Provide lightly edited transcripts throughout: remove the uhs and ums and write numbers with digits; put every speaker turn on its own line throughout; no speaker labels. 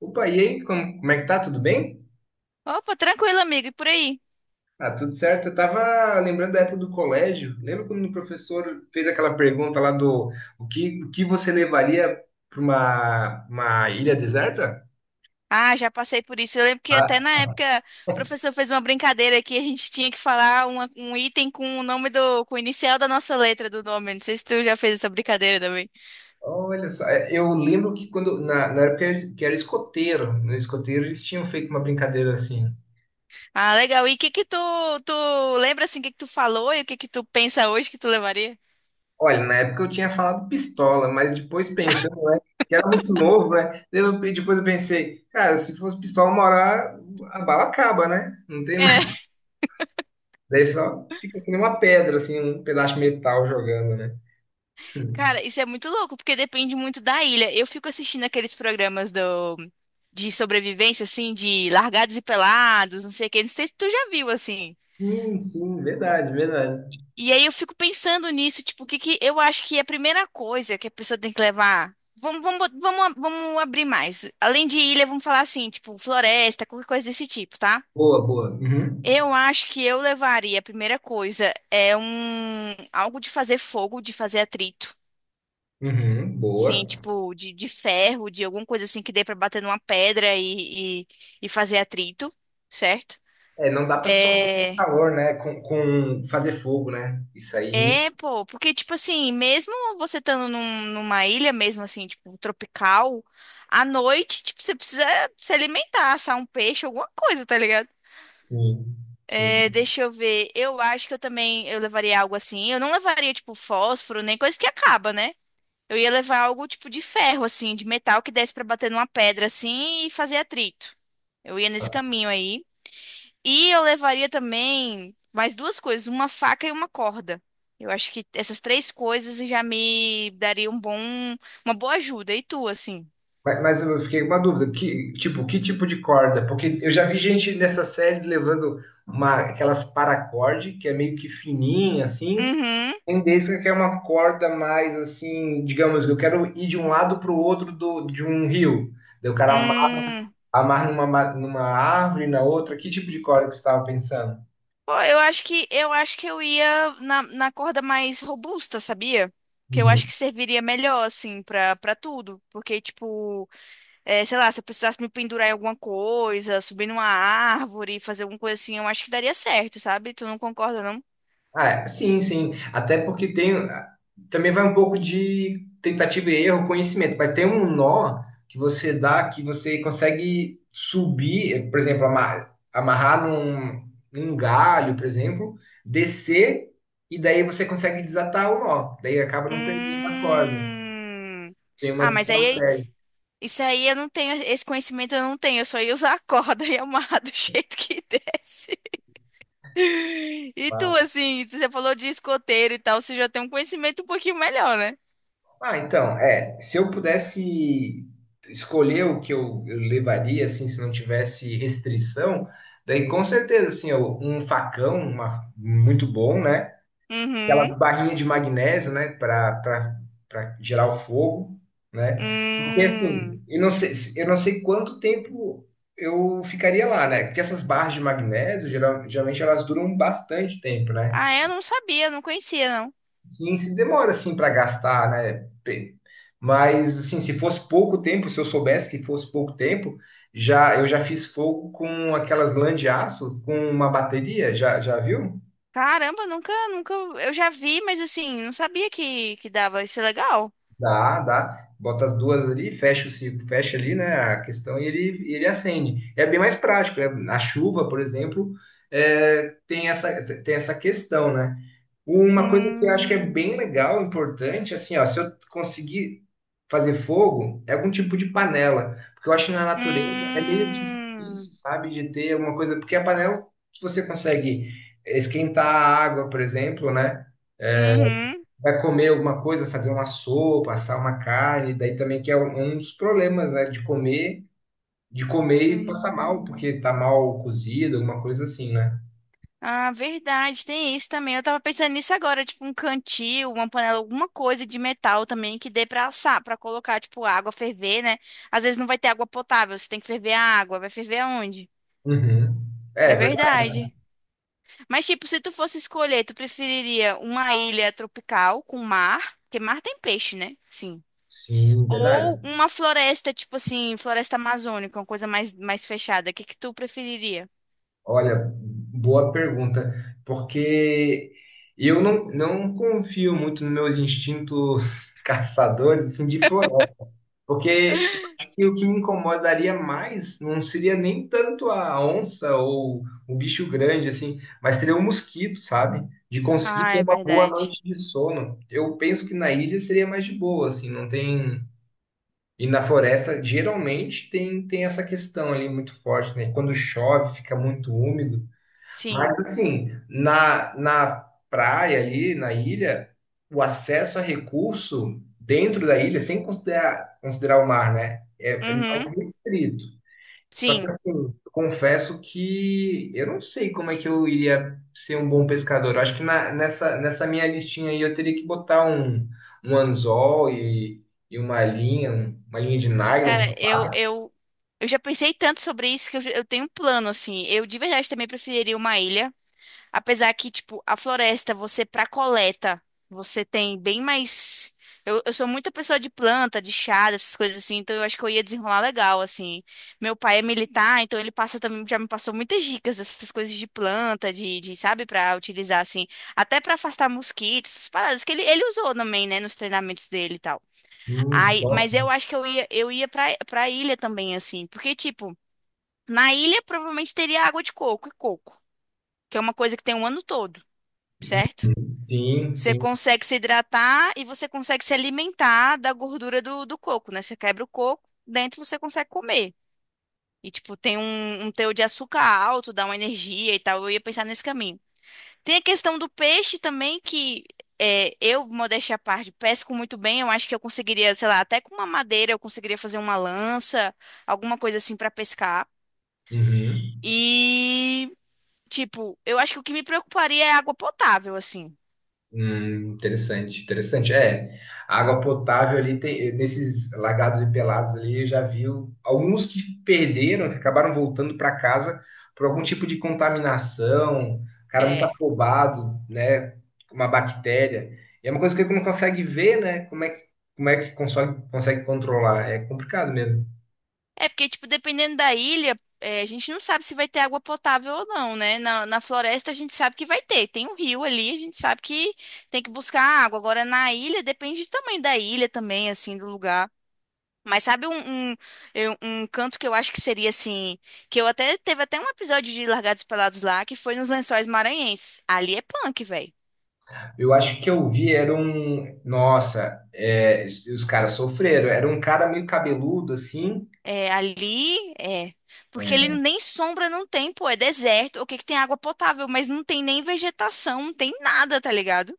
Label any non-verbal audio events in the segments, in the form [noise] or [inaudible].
Opa, e aí, como é que tá? Tudo bem?
Opa, tranquilo, amigo, e por aí?
Ah, tudo certo. Eu tava lembrando da época do colégio. Lembra quando o professor fez aquela pergunta lá do o que você levaria para uma ilha deserta?
Ah, já passei por isso. Eu lembro que até
Ah,
na época o professor fez uma brincadeira que a gente tinha que falar um item com o nome do, com o inicial da nossa letra do nome. Não sei se tu já fez essa brincadeira também.
olha só, é, eu lembro que quando na época que era escoteiro, no escoteiro eles tinham feito uma brincadeira assim.
Ah, legal. E o que que tu lembra assim, o que que tu falou e o que que tu pensa hoje que tu levaria?
Olha, na época eu tinha falado pistola, mas depois pensando, né, que era muito novo, né? Eu, depois eu pensei, cara, se fosse pistola, uma hora a bala acaba, né? Não tem
É,
mais.
[laughs]
Daí só fica que nem uma pedra, assim, um pedaço de metal jogando, né?
cara, isso é muito louco, porque depende muito da ilha. Eu fico assistindo aqueles programas do, de sobrevivência, assim, de largados e pelados, não sei o quê. Não sei se tu já viu, assim.
Sim, sim, verdade, verdade.
E aí eu fico pensando nisso, tipo, o que que eu acho que a primeira coisa que a pessoa tem que levar. Vamos, vamos, bot- vamos, a- Vamos abrir mais. Além de ilha, vamos falar assim, tipo, floresta, qualquer coisa desse tipo, tá?
Boa, boa. Uhum.
Eu acho que eu levaria, a primeira coisa, é um algo de fazer fogo, de fazer atrito.
Uhum,
Sim,
boa.
tipo, de ferro, de alguma coisa assim que dê pra bater numa pedra e fazer atrito, certo?
É, não dá pra só ter
É.
calor, né? Com fazer fogo, né? Isso aí.
É, pô, porque, tipo assim, mesmo você numa ilha, mesmo assim, tipo, tropical, à noite, tipo, você precisa se alimentar, assar um peixe, alguma coisa, tá ligado?
Sim,
É,
sim.
deixa eu ver, eu acho que eu também, eu levaria algo assim, eu não levaria, tipo, fósforo, nem coisa que acaba, né? Eu ia levar algo, tipo, de ferro, assim, de metal que desse pra bater numa pedra, assim, e fazer atrito. Eu ia nesse caminho aí. E eu levaria também mais duas coisas, uma faca e uma corda. Eu acho que essas três coisas já me daria um bom, uma boa ajuda. E tu, assim?
Mas eu fiquei com uma dúvida. Que tipo de corda? Porque eu já vi gente nessas séries levando uma, aquelas paracorde, que é meio que fininha, assim.
Uhum.
Tendência que é uma corda mais assim, digamos, eu quero ir de um lado para o outro do, de um rio. Daí o cara
Hum.
amarra numa, numa árvore, na outra. Que tipo de corda que você estava pensando?
Pô, eu acho que eu ia na, na corda mais robusta, sabia? Que eu acho que serviria melhor, assim, pra, pra tudo. Porque, tipo, é, sei lá, se eu precisasse me pendurar em alguma coisa, subir numa árvore, fazer alguma coisa assim, eu acho que daria certo, sabe? Tu não concorda, não?
Ah, é, sim, sim. Até porque tem. Também vai um pouco de tentativa e erro, conhecimento, mas tem um nó que você dá que você consegue subir, por exemplo, amarrar num, num galho, por exemplo, descer, e daí você consegue desatar o nó. Daí acaba não perdendo a corda.
Hum.
Tem
Ah,
umas
mas aí
estratégias.
isso aí eu não tenho, esse conhecimento eu não tenho, eu só ia usar a corda e amarrar do [laughs] jeito que desce. E tu, assim, você falou de escoteiro e tal, você já tem um conhecimento um pouquinho melhor, né?
Ah, então, é, se eu pudesse escolher o que eu levaria, assim, se não tivesse restrição, daí com certeza, assim, um facão, uma- muito bom, né?
Uhum.
Aquelas barrinhas de magnésio, né, para para gerar o fogo, né? Porque, assim,
Hum.
eu não sei quanto tempo eu ficaria lá, né? Porque essas barras de magnésio, geralmente, elas duram bastante tempo, né?
Ah, eu não sabia, não conhecia, não.
Sim, se demora assim para gastar, né? Pe- Mas assim, se fosse pouco tempo, se eu soubesse que fosse pouco tempo, já eu já fiz fogo com aquelas lã de aço com uma bateria, já viu?
Caramba, nunca, nunca. Eu já vi, mas assim, não sabia que dava. Isso é legal.
Dá, dá. Bota as duas ali, fecha o ciclo, fecha ali, né, a questão e ele acende. É bem mais prático, né? Na chuva, por exemplo, é, tem essa questão, né? Uma coisa que eu acho que é
Hum.
bem legal, importante, assim, ó, se eu conseguir fazer fogo, é algum tipo de panela, porque eu acho que na natureza é meio
Hum.
difícil, sabe, de ter alguma coisa, porque a panela, se você consegue esquentar a água, por exemplo, né,
Uhum.
vai comer alguma coisa, fazer uma sopa, assar uma carne, daí também que é um dos problemas, né, de comer e passar mal,
Hum.
porque tá mal cozido, alguma coisa assim, né?
Ah, verdade, tem isso também. Eu tava pensando nisso agora, tipo um cantil, uma panela, alguma coisa de metal também que dê pra assar, pra colocar, tipo, água ferver, né? Às vezes não vai ter água potável, você tem que ferver a água, vai ferver aonde?
Uhum. É,
É
é verdade.
verdade. Mas, tipo, se tu fosse escolher, tu preferiria uma ilha tropical com mar, porque mar tem peixe, né? Sim.
Sim,
Ou
verdade.
uma floresta, tipo assim, floresta amazônica, uma coisa mais, mais fechada. O que que tu preferiria?
Olha, boa pergunta, porque eu não confio muito nos meus instintos [laughs] caçadores assim, de floresta, porque eu acho que o que me incomodaria mais não seria nem tanto a onça ou o bicho grande, assim, mas seria o mosquito, sabe? De conseguir
Ah,
ter
é
uma boa
verdade.
noite de sono. Eu penso que na ilha seria mais de boa, assim, não tem. E na floresta, geralmente, tem essa questão ali muito forte, né? Quando chove, fica muito úmido. Mas
Sim.
assim, na praia ali, na ilha, o acesso a recurso dentro da ilha, sem considerar o mar, né? É, é mais
Uhum.
restrito. Só que
Sim.
assim, eu confesso que eu não sei como é que eu iria ser um bom pescador. Eu acho que nessa, nessa minha listinha aí eu teria que botar um, um anzol e uma linha, uma linha de nylon,
Cara,
sei lá.
eu já pensei tanto sobre isso que eu tenho um plano, assim. Eu de verdade também preferiria uma ilha. Apesar que, tipo, a floresta, você pra coleta, você tem bem mais. Eu sou muita pessoa de planta, de chá, dessas coisas assim, então eu acho que eu ia desenrolar legal, assim. Meu pai é militar, então ele passa também, já me passou muitas dicas dessas coisas de planta, sabe, pra utilizar, assim, até pra afastar mosquitos, essas paradas que ele usou também, né, nos treinamentos dele e tal. Aí, mas
Bom.
eu acho que eu ia pra, pra ilha também, assim. Porque, tipo, na ilha provavelmente teria água de coco e coco, que é uma coisa que tem o ano todo, certo?
Sim,
Você
sim.
consegue se hidratar e você consegue se alimentar da gordura do, do coco, né? Você quebra o coco, dentro você consegue comer. E, tipo, tem um teor de açúcar alto, dá uma energia e tal. Eu ia pensar nesse caminho. Tem a questão do peixe também, que é, eu, modéstia à parte, pesco muito bem. Eu acho que eu conseguiria, sei lá, até com uma madeira eu conseguiria fazer uma lança, alguma coisa assim pra pescar.
Uhum.
E, tipo, eu acho que o que me preocuparia é água potável, assim.
Interessante, interessante. É, a água potável ali tem, nesses lagados e pelados ali, eu já vi alguns que perderam, que acabaram voltando para casa por algum tipo de contaminação, cara muito
É.
afobado, né, uma bactéria. E é uma coisa que ele não consegue ver, né, como é que Como é que consegue, consegue controlar? É complicado mesmo.
É porque, tipo, dependendo da ilha, é, a gente não sabe se vai ter água potável ou não, né? Na, na floresta a gente sabe que vai ter. Tem um rio ali, a gente sabe que tem que buscar água. Agora, na ilha, depende do tamanho da ilha também, assim, do lugar. Mas sabe um canto que eu acho que seria assim, que eu até teve até um episódio de Largados e Pelados lá que foi nos Lençóis Maranhenses. Ali é punk, velho.
Eu acho que eu vi, era um. Nossa, é, os caras sofreram. Era um cara meio cabeludo, assim.
É, ali é. Porque ele nem sombra não tem, pô, é deserto. O que que tem água potável, mas não tem nem vegetação, não tem nada, tá ligado?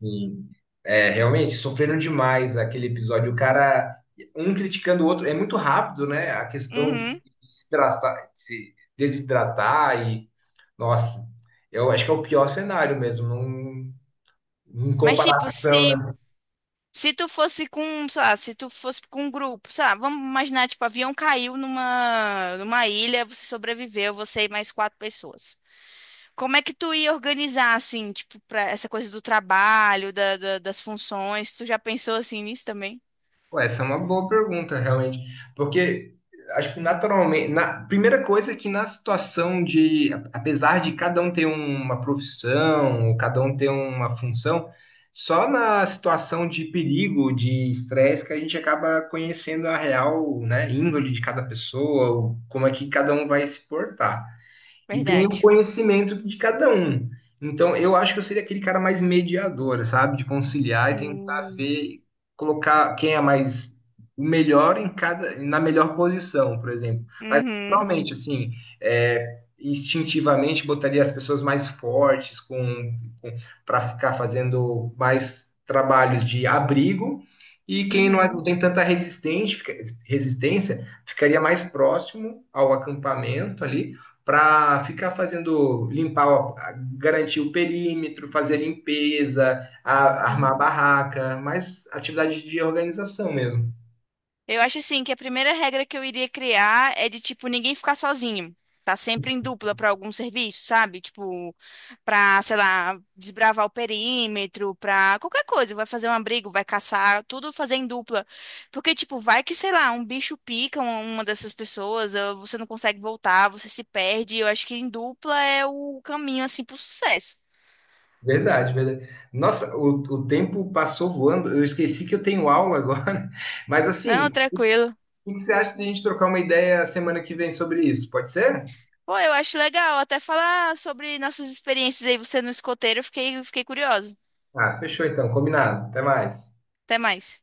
Sim. É, realmente, sofreram demais aquele episódio. O cara, um criticando o outro, é muito rápido, né? A questão de
Uhum.
se desidratar e, nossa, eu acho que é o pior cenário mesmo, não, em
Mas tipo,
comparação,
se
né?
se tu fosse com, sei lá, se tu fosse com um grupo, sei lá, vamos imaginar, tipo, avião caiu numa ilha, você sobreviveu, você e mais quatro pessoas. Como é que tu ia organizar, assim, tipo, pra essa coisa do trabalho, das funções? Tu já pensou, assim, nisso também?
Pô, essa é uma boa pergunta, realmente. Porque acho que naturalmente, na primeira coisa é que na situação de, apesar de cada um ter uma profissão, ou cada um ter uma função, só na situação de perigo, de estresse, que a gente acaba conhecendo a real, né, índole de cada pessoa, ou como é que cada um vai se portar e tem o
Verdade.
conhecimento de cada um. Então, eu acho que eu seria aquele cara mais mediador, sabe? De conciliar e tentar
Hum.
ver, colocar quem é mais o melhor em cada, na melhor posição, por exemplo
Uhum,
normalmente assim, é, instintivamente botaria as pessoas mais fortes com, para ficar fazendo mais trabalhos de abrigo e quem não, não
uhum,
tem tanta resistente- resistência ficaria mais próximo ao acampamento ali para ficar fazendo limpar, garantir o perímetro, fazer a limpeza, armar a
uhum.
barraca, mais atividade de organização mesmo.
Eu acho assim que a primeira regra que eu iria criar é de tipo ninguém ficar sozinho. Tá sempre em dupla para algum serviço, sabe? Tipo, pra, sei lá, desbravar o perímetro, pra qualquer coisa, vai fazer um abrigo, vai caçar, tudo fazer em dupla. Porque tipo, vai que, sei lá, um bicho pica uma dessas pessoas, ou você não consegue voltar, você se perde. Eu acho que em dupla é o caminho assim pro sucesso.
Verdade, verdade. Nossa, o tempo passou voando. Eu esqueci que eu tenho aula agora. [laughs] Mas assim,
Não,
o
tranquilo.
que que você acha de a gente trocar uma ideia semana que vem sobre isso? Pode ser?
Pô, eu acho legal até falar sobre nossas experiências aí, você no escoteiro, eu fiquei curiosa.
Ah, fechou então, combinado. Até mais.
Até mais.